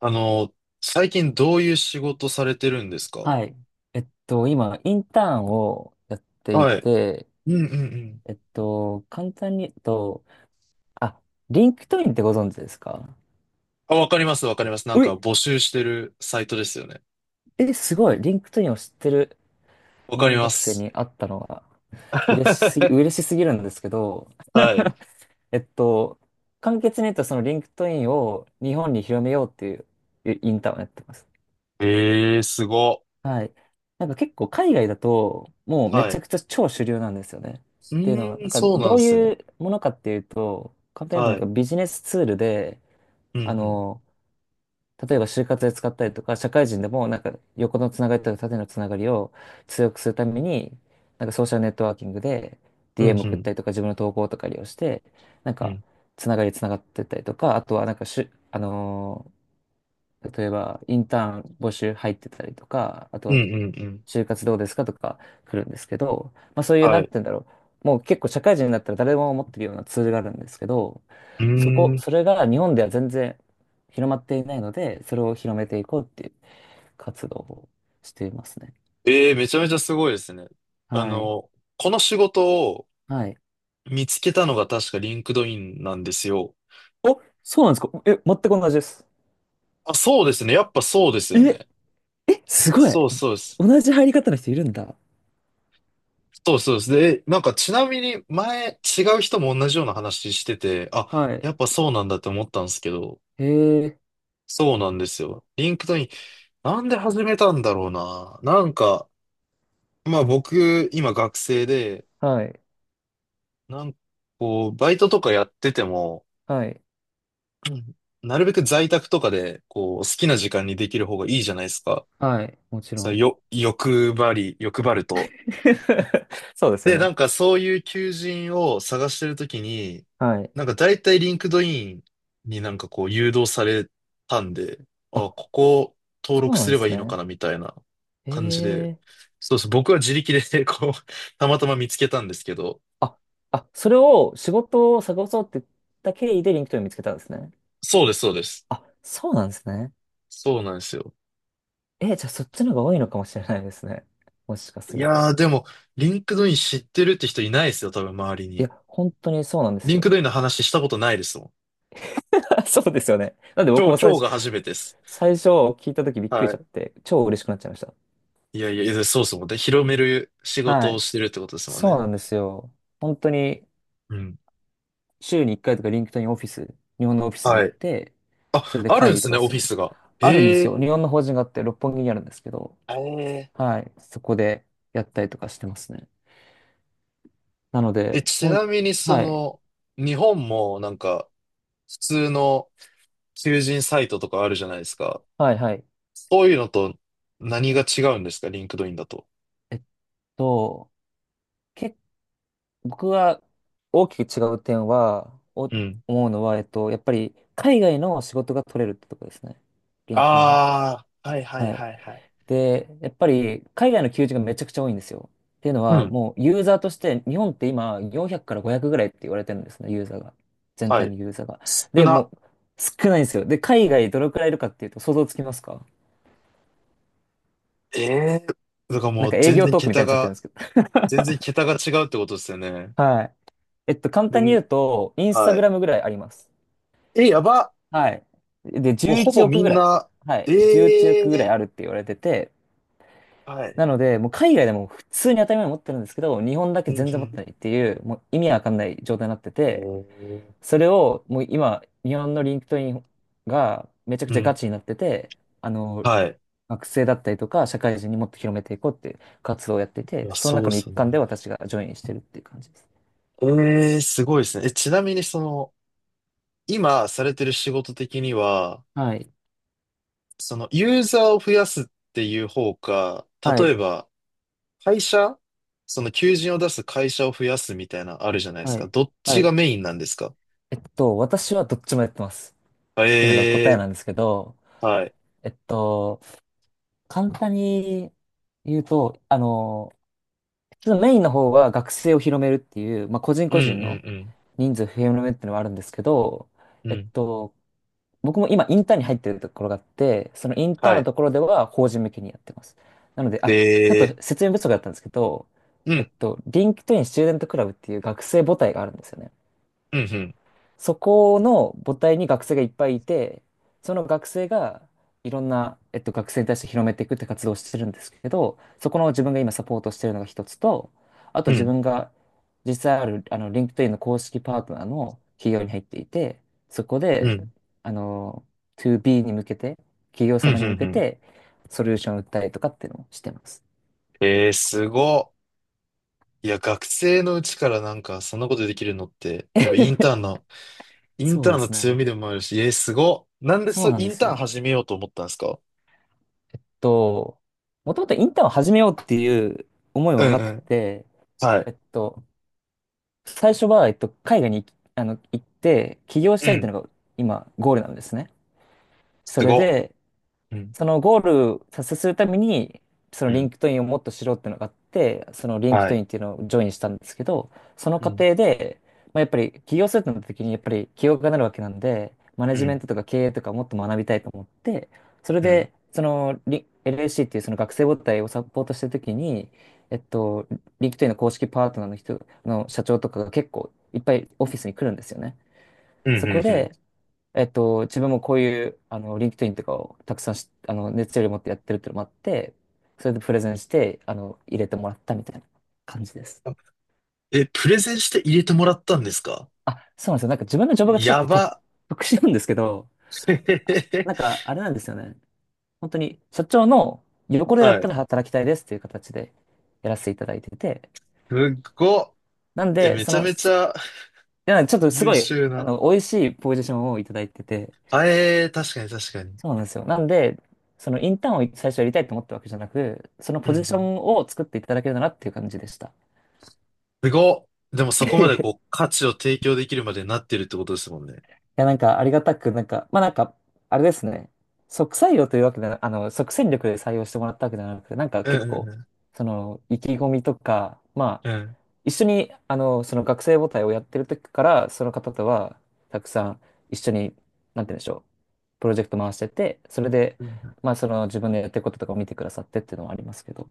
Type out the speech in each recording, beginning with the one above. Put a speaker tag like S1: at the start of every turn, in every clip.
S1: あの、最近どういう仕事されてるんですか？
S2: はい。今、インターンをやってい
S1: はい。
S2: て、
S1: うんうんうん。
S2: 簡単に言うと、あ、リンクトインってご存知ですか？
S1: あ、わかりますわかります。なん
S2: う
S1: か
S2: い、
S1: 募集してるサイトですよね。
S2: え、すごい。リンクトインを知ってる
S1: わ
S2: 日
S1: かり
S2: 本
S1: ま
S2: 学生
S1: す。
S2: に会ったのは、嬉しすぎるんですけど、
S1: はい。
S2: えっと、簡潔に言うと、そのリンクトインを日本に広めようっていうインターンをやってます。
S1: えー、すご。
S2: はい。なんか結構海外だと、もうめ
S1: は
S2: ちゃ
S1: い。
S2: くちゃ超主流なんですよね。
S1: う
S2: っていうのは、
S1: ー
S2: なん
S1: ん、
S2: か
S1: そうな
S2: ど
S1: んで
S2: う
S1: す
S2: い
S1: ね。
S2: うものかっていうと、簡単に言う
S1: は
S2: と
S1: い。
S2: なんかビジネスツールで、
S1: う
S2: あ
S1: ん
S2: の、例えば就活で使ったりとか、社会人でもなんか横のつながりとか縦のつながりを強くするために、なんかソーシャルネットワーキングで
S1: うん。うん
S2: DM
S1: う
S2: 送っ
S1: ん。
S2: たりとか自分の投稿とか利用して、なん
S1: う
S2: か
S1: ん。
S2: つながりつながってったりとか、あとはなんかしゅ、あのー例えばインターン募集入ってたりとか、あと
S1: うん
S2: は
S1: うんうん。
S2: 就活どうですかとか来るんですけど、まあそういう、
S1: は
S2: なんて
S1: い。
S2: 言うんだろう。もう結構社会人になったら誰でも持ってるようなツールがあるんですけど、
S1: うーん。
S2: それが日本では全然広まっていないので、それを広めていこうっていう活動をしていますね。
S1: えー、めちゃめちゃすごいですね。あ
S2: はい。
S1: の、この仕事を
S2: はい。
S1: 見つけたのが確かリンクドインなんですよ。
S2: そうなんですか？え、全く同じです。
S1: あ、そうですね。やっぱそうですよ
S2: え、
S1: ね。
S2: すごい。
S1: そうそうです。
S2: 同じ入り方の人いるんだ。
S1: そうそうです。で、ちなみに前違う人も同じような話してて、あ、
S2: はい。
S1: やっぱそうなんだって思ったんですけど、
S2: へえ、
S1: そうなんですよ。リンクトイン、なんで始めたんだろうな。まあ僕、今学生で、
S2: はい。
S1: なんかこう、バイトとかやってても、
S2: はい。
S1: うん、なるべく在宅とかで、こう、好きな時間にできる方がいいじゃないですか。
S2: はい。もちろ
S1: そう、
S2: ん。
S1: よ、欲張り、欲張ると。
S2: そうですよ
S1: で、
S2: ね。
S1: そういう求人を探してるときに、
S2: はい。
S1: 大体リンクドインにこう誘導されたんで、あ、こ
S2: あ、
S1: こ
S2: そ
S1: 登
S2: う
S1: 録
S2: なん
S1: す
S2: で
S1: れば
S2: す
S1: いいのか
S2: ね。
S1: なみたいな感じで、
S2: ええ、
S1: そうです。僕は自力で こう、たまたま見つけたんですけど、
S2: あ、あ、それを仕事を探そうって言った経緯でリンクトイン見つけたんですね。
S1: そうです、そうです。
S2: あ、そうなんですね。
S1: そうなんですよ。
S2: え、じゃあそっちの方が多いのかもしれないですね。もしかす
S1: い
S2: ると。
S1: やー、でも、リンクドイン知ってるって人いないですよ、多分周り
S2: い
S1: に。
S2: や、本当にそうなんです
S1: リンク
S2: よ。
S1: ドインの話したことないですもん。
S2: そうですよね。なんで僕
S1: 今
S2: も
S1: 日、
S2: 最
S1: 今
S2: 初、
S1: 日が初めてです。
S2: 最初聞いた時びっくりし
S1: は
S2: ちゃっ
S1: い。
S2: て、超嬉しくなっちゃいました。
S1: いやいや、いやそうですもんで、広める仕
S2: は
S1: 事を
S2: い。
S1: してるってことですもん
S2: そう
S1: ね。
S2: なんですよ。本当に
S1: うん。
S2: 週に1回とかリンクトインオフィス、日本のオフィスに
S1: は
S2: 行っ
S1: い。
S2: て、それ
S1: あ、
S2: で
S1: あるん
S2: 会
S1: で
S2: 議
S1: す
S2: と
S1: ね、
S2: か
S1: オ
S2: す
S1: フィ
S2: る。
S1: スが。
S2: あるんで
S1: へ
S2: すよ。
S1: え。
S2: 日本の法人があって六本木にあるんですけど、
S1: え
S2: はい、そこでやったりとかしてますね。なの
S1: ー、え、
S2: で、
S1: ち
S2: ほん、
S1: なみにそ
S2: はい、
S1: の、日本も普通の求人サイトとかあるじゃないですか。
S2: はい、はい。
S1: そういうのと何が違うんですか、リンクドインだと？
S2: えっと、け、僕が大きく違う点は、
S1: うん。
S2: 思うのは、やっぱり海外の仕事が取れるってとこですね。リンクトインは。
S1: ああ、はいはい
S2: はい。
S1: はいはい。
S2: で、やっぱり海外の求人がめちゃくちゃ多いんですよ。っていうの
S1: う
S2: は、
S1: ん。
S2: もうユーザーとして、日本って今400から500ぐらいって言われてるんですね、ユーザーが。全
S1: は
S2: 体の
S1: い。
S2: ユーザーが。
S1: 少
S2: で、も
S1: な。
S2: う少ないんですよ。で、海外どれくらいいるかっていうと想像つきますか？
S1: ええ。だから
S2: なん
S1: も
S2: か
S1: う
S2: 営
S1: 全
S2: 業
S1: 然
S2: トークみた
S1: 桁
S2: いになっちゃってるんで
S1: が、
S2: すけど。
S1: 全然桁が違うってことですよ ね。
S2: はい。簡
S1: ど
S2: 単に
S1: ん。
S2: 言うと、インスタ
S1: は
S2: グ
S1: い。
S2: ラムぐらいあります。
S1: え、やば。
S2: はい。で、
S1: もう
S2: 11
S1: ほぼ
S2: 億
S1: み
S2: ぐ
S1: ん
S2: らい。
S1: な、
S2: はい。
S1: え
S2: 11億ぐらい
S1: え、
S2: あるって言われてて、
S1: はい。
S2: なので、もう海外でも普通に当たり前に持ってるんですけど、日本だけ
S1: うん
S2: 全
S1: う
S2: 然持って
S1: ん。
S2: ないっていう、もう意味わかんない状態になってて、
S1: ええ、
S2: それをもう今、日本のリンクトインがめちゃく
S1: う
S2: ちゃガ
S1: ん。
S2: チになってて、あの、
S1: はい。
S2: 学生だったりとか、社会人にもっと広めていこうっていう活動をやってい
S1: い
S2: て、
S1: や、
S2: その
S1: そう
S2: 中
S1: で
S2: の一
S1: すも
S2: 環
S1: ん
S2: で
S1: ね。
S2: 私がジョインしてるっていう感じです。
S1: ええ、すごいですね。え、ちなみにその、今されてる仕事的には、
S2: はい。
S1: その、ユーザーを増やすっていう方か、
S2: は
S1: 例え
S2: い。
S1: ば、会社、その、求人を出す会社を増やすみたいな、あるじゃないです
S2: は
S1: か。
S2: い。
S1: どっ
S2: は
S1: ちが
S2: い。
S1: メインなんですか？
S2: 私はどっちもやってます。っていうのが
S1: え
S2: 答え
S1: え、
S2: なんですけど、
S1: はい。
S2: えっと、簡単に言うと、あの、ちょっとメインの方は学生を広めるっていう、まあ、個人
S1: うん
S2: 個人の
S1: うん
S2: 人数を広めるっていうのはあるんですけど、
S1: うん。
S2: え
S1: う
S2: っ
S1: ん。
S2: と、僕も今インターンに入ってるところがあって、そのインターン
S1: は
S2: の
S1: い。
S2: ところでは法人向けにやってます。なので、あ、ちょっ
S1: で、
S2: と説明不足だったんですけど、
S1: うん、
S2: リンクトインスチューデントクラブっていう学生母体があるんですよね。
S1: うん、うん、
S2: そこの母体に学生がいっぱいいて、その学生がいろんな、学生に対して広めていくって活動をしてるんですけど、そこの自分が今サポートしてるのが一つと、あと
S1: う
S2: 自
S1: ん、
S2: 分が実際ある、あの、LinkedIn の公式パートナーの企業に入っていて、そこ
S1: う
S2: で、
S1: ん。
S2: あの、2B に向けて、企業
S1: うんう
S2: 様に向
S1: ん
S2: け
S1: うん。
S2: て、ソリューションを売ったりとかっていうのをしてます。
S1: えー、すごっ。いや、学生のうちからそんなことできるのって、やっぱインターンの、イン
S2: そう
S1: タ
S2: で
S1: ーンの
S2: す
S1: 強
S2: ね。
S1: みでもあるし、えー、すごっ。なんで
S2: そ
S1: そ
S2: う
S1: う、
S2: なん
S1: イ
S2: で
S1: ン
S2: す
S1: ターン
S2: よ。
S1: 始めようと思ったんですか？
S2: えっと、もともとインターンを始めようっていう思い
S1: う
S2: は
S1: ん
S2: な
S1: う
S2: く
S1: ん。
S2: て、
S1: は
S2: え
S1: い。
S2: っと、最初は、海外に行きあの、行って、起業し
S1: う
S2: たいってい
S1: ん。
S2: うのが今、ゴールなんですね。
S1: す
S2: それ
S1: ごっ。
S2: で、
S1: うん。
S2: そのゴール達成するために、その
S1: う
S2: リン
S1: ん。
S2: クトインをもっと知ろうっていうのがあって、そのリンク
S1: は
S2: トイ
S1: い。
S2: ンっていうのをジョインしたんですけど、その
S1: う
S2: 過
S1: ん。
S2: 程で、まあ、やっぱり起業するってなった時にやっぱり起業家になるわけなんで、マネ
S1: う
S2: ジメン
S1: ん。
S2: トとか経営とかもっと学びたいと思って、それ
S1: うん。
S2: で、そのリ LAC っていうその学生母体をサポートした時に、えっと、リンクトインの公式パートナーの人の社長とかが結構いっぱいオフィスに来るんですよね。
S1: うん。
S2: そ
S1: う
S2: こ
S1: ん。うん、
S2: で、自分もこういう、あの、リンクトインとかをたくさんし、あの、熱量を持ってやってるっていうのもあって、それでプレゼンして、入れてもらったみたいな感じです。
S1: あ、え、プレゼンして入れてもらったんですか？
S2: あ、そうなんですよ。なんか自分のジョブがちょっ
S1: や
S2: と特、
S1: ば。
S2: 特殊なんですけど、
S1: へ
S2: あ、
S1: へへ、
S2: なんかあれなんですよね。本当に社長の横でだっ
S1: は
S2: た
S1: い。
S2: ら働きたいですっていう形でやらせていただいてて、
S1: すっごっ。
S2: なん
S1: え、
S2: で、
S1: め
S2: そ
S1: ちゃ
S2: の、
S1: めち
S2: すい
S1: ゃ
S2: や、ちょっとす
S1: 優
S2: ごい、
S1: 秀な。
S2: 美味しいポジションをいただいてて、
S1: あ、えー、確かに確かに。
S2: そうなんですよ。なんで、そのインターンを最初やりたいと思ったわけじゃなく、その
S1: う
S2: ポ
S1: ん
S2: ジシ
S1: う
S2: ョ
S1: ん。
S2: ンを作っていただけるならっていう感じでした。
S1: すごっ。でも そこまで
S2: い
S1: こう価値を提供できるまでなってるってことですもんね。
S2: や、なんかありがたく、なんか、まあなんか、あれですね。即採用というわけでは、即戦力で採用してもらったわけではなくて、なんか
S1: うん
S2: 結
S1: うん
S2: 構、
S1: うん。
S2: その、意気込みとか、ま
S1: う
S2: あ、
S1: ん
S2: 一緒に、その学生母体をやってる時から、その方とは、たくさん一緒に、なんて言うんでしょう、プロジェクト回してて、それで、
S1: うん、
S2: まあ、その自分でやってることとかを見てくださってっていうのはありますけど。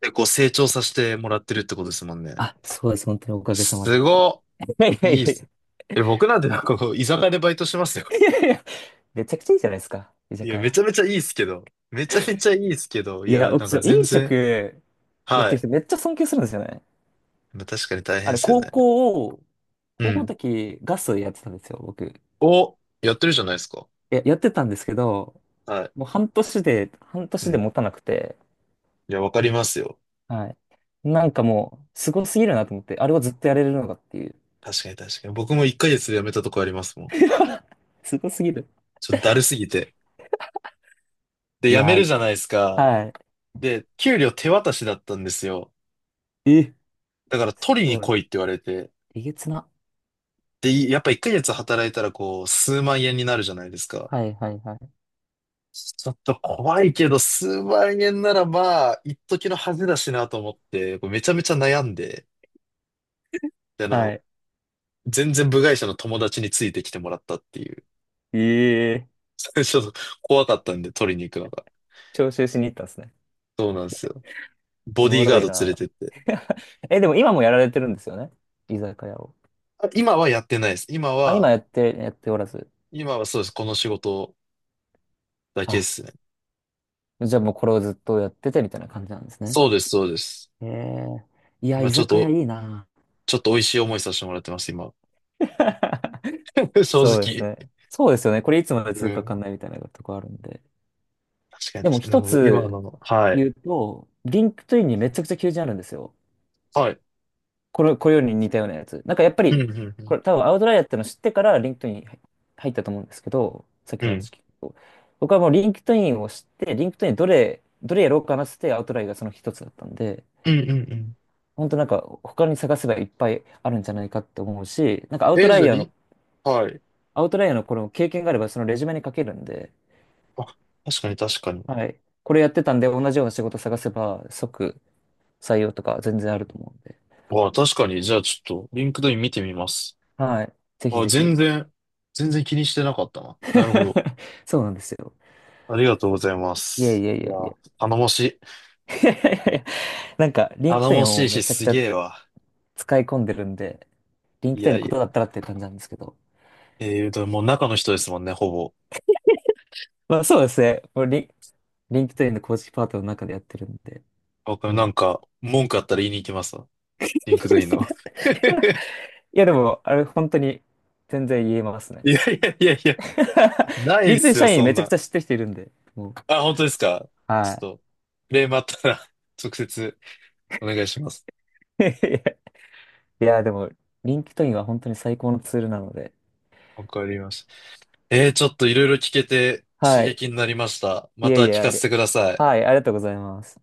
S1: で、こう成長させてもらってるってことですもんね。
S2: あ、そうです。本当におかげさまで。い
S1: すごっ。
S2: やいやい
S1: いいっ
S2: やいや。
S1: す。え、僕なんてこう、居酒屋でバイトしてますよ。
S2: いやいや、めちゃくちゃいいじゃないですか。居
S1: い
S2: 酒
S1: や、め
S2: 屋。
S1: ちゃめちゃいいっすけど。めちゃめちゃいいっすけど。い
S2: いや、
S1: や、
S2: う
S1: なん
S2: ち
S1: か
S2: 飲
S1: 全然。
S2: 食やっ
S1: は
S2: てる
S1: い。
S2: 人めっちゃ尊敬するんですよね。
S1: まあ確かに大
S2: あ
S1: 変っ
S2: れ、
S1: すよ
S2: 高
S1: ね。
S2: 校を、
S1: う
S2: 高校の
S1: ん。
S2: 時ガスやってたんですよ、僕。い
S1: お、やってるじゃないですか。
S2: や、やってたんですけど、
S1: はい。
S2: もう半年で、半
S1: う
S2: 年で
S1: ん。
S2: 持たなくて、
S1: いや、わかりますよ。
S2: はい。なんかもう、すごすぎるなと思って、あれをずっとやれるのかっていう。
S1: 確かに確かに。僕も1ヶ月で辞めたとこありますもん。
S2: すごすぎる。
S1: ちょっとだるすぎて。で、
S2: い
S1: 辞
S2: や
S1: める
S2: ー、
S1: じゃないですか。
S2: は
S1: で、給料手渡しだったんですよ。
S2: い。え、
S1: だから
S2: す
S1: 取りに
S2: ごい。
S1: 来いって言われて。
S2: えげつな。
S1: で、いやっぱ1ヶ月働いたらこう、数万円になるじゃないですか。
S2: はいはいはい。
S1: ちょっと怖いけど、数万円ならまあ、一時の恥だしなと思って、こうめちゃめちゃ悩んで、で、
S2: はい。
S1: 全然部外者の友達についてきてもらったっていう。
S2: ええ、
S1: 最初、怖かったんで取りに行くのが。
S2: 徴収しに行ったんですね。
S1: そうなんですよ。
S2: お
S1: ボデ
S2: も
S1: ィー
S2: ろ
S1: ガー
S2: い
S1: ド連れ
S2: な。
S1: てって。
S2: え、でも今もやられてるんですよね。居酒屋を。
S1: あ、今はやってないです。今
S2: あ、今
S1: は、
S2: やって、やっておらず。
S1: 今はそうです。この仕事だけで
S2: あ、
S1: すね。
S2: じゃあもうこれをずっとやっててみたいな感じなんですね。
S1: そうです、そうです。
S2: へえ。いや、
S1: ま
S2: 居
S1: あちょっ
S2: 酒屋
S1: と
S2: いいな。
S1: ちょっと美味しい思いさせてもらってます、今。正
S2: そうです
S1: 直。
S2: ね。そうですよね。これいつまで
S1: う
S2: 続くかわか
S1: ん。
S2: んないみたいなとこあるんで。
S1: 確かに
S2: でも
S1: 確かに。で
S2: 一
S1: も今
S2: つ
S1: の、はい。
S2: 言うと、リンクトインにめちゃくちゃ求人あるんですよ。
S1: はい。
S2: これ、これより似たようなやつ。なんかやっぱ
S1: うん、
S2: り、
S1: う
S2: こ
S1: ん、
S2: れ多分アウトライヤーってのを知ってからリンクトイン入ったと思うんですけど、さっき
S1: うん。
S2: の
S1: う
S2: 話
S1: ん。
S2: 聞くと。僕はもうリンクトインを知って、リンクトインどれ、どれやろうかなって言ってアウトライヤーがその一つだったんで、
S1: うん、うん、うん。
S2: 本当なんか他に探せばいっぱいあるんじゃないかって思うし、
S1: えー、じゃあリ、はい。
S2: アウトライヤーのこの経験があればそのレジュメに書けるんで、
S1: あ、確かに確かに。
S2: はい。これやってたんで同じような仕事探せば即採用とか全然あると思うんで、
S1: わあ、確かに。じゃあちょっと、リンクドイン見てみます。
S2: はい。ぜひ
S1: あ、
S2: ぜ
S1: 全
S2: ひ。
S1: 然、全然気にしてなかったな。なるほど。
S2: そうなんですよ。
S1: ありがとうございま
S2: いやい
S1: す。
S2: やい
S1: いや
S2: やいや。
S1: ー、頼もしい。
S2: いやいやいや、なんか、リンク
S1: 頼
S2: トイ
S1: も
S2: ンはも
S1: し
S2: う
S1: い
S2: め
S1: し、
S2: ちゃく
S1: す
S2: ちゃ
S1: げえわ。
S2: 使い込んでるんで、リン
S1: い
S2: クトイン
S1: や
S2: の
S1: い
S2: ことだっ
S1: や。
S2: たらっていう感じなんですけど。
S1: えー、でももう中の人ですもんね、ほぼ。
S2: まあそうですね。もうリ、リンクトインの公式パートの中でやってるんで、
S1: わかる、
S2: もう。
S1: 文句あったら言いに行きますわ。リンクドインの。
S2: いやでも、あれ本当に全然言えますね。
S1: いやいやいやいや、な い
S2: リン
S1: っ
S2: クトイン
S1: すよ、
S2: 社員
S1: そん
S2: めちゃく
S1: な。
S2: ちゃ知ってる人いるんで、もう。
S1: あ、本当ですか？ち
S2: は
S1: ょっと、クレームあったら 直接お願いします。
S2: い。いや、でも、リンクトインは本当に最高のツールなので。
S1: わかりました。えー、ちょっといろいろ聞けて刺
S2: はい。
S1: 激になりました。
S2: い
S1: また
S2: えいえ、
S1: 聞
S2: あ
S1: か
S2: り、
S1: せてください。
S2: はい、ありがとうございます。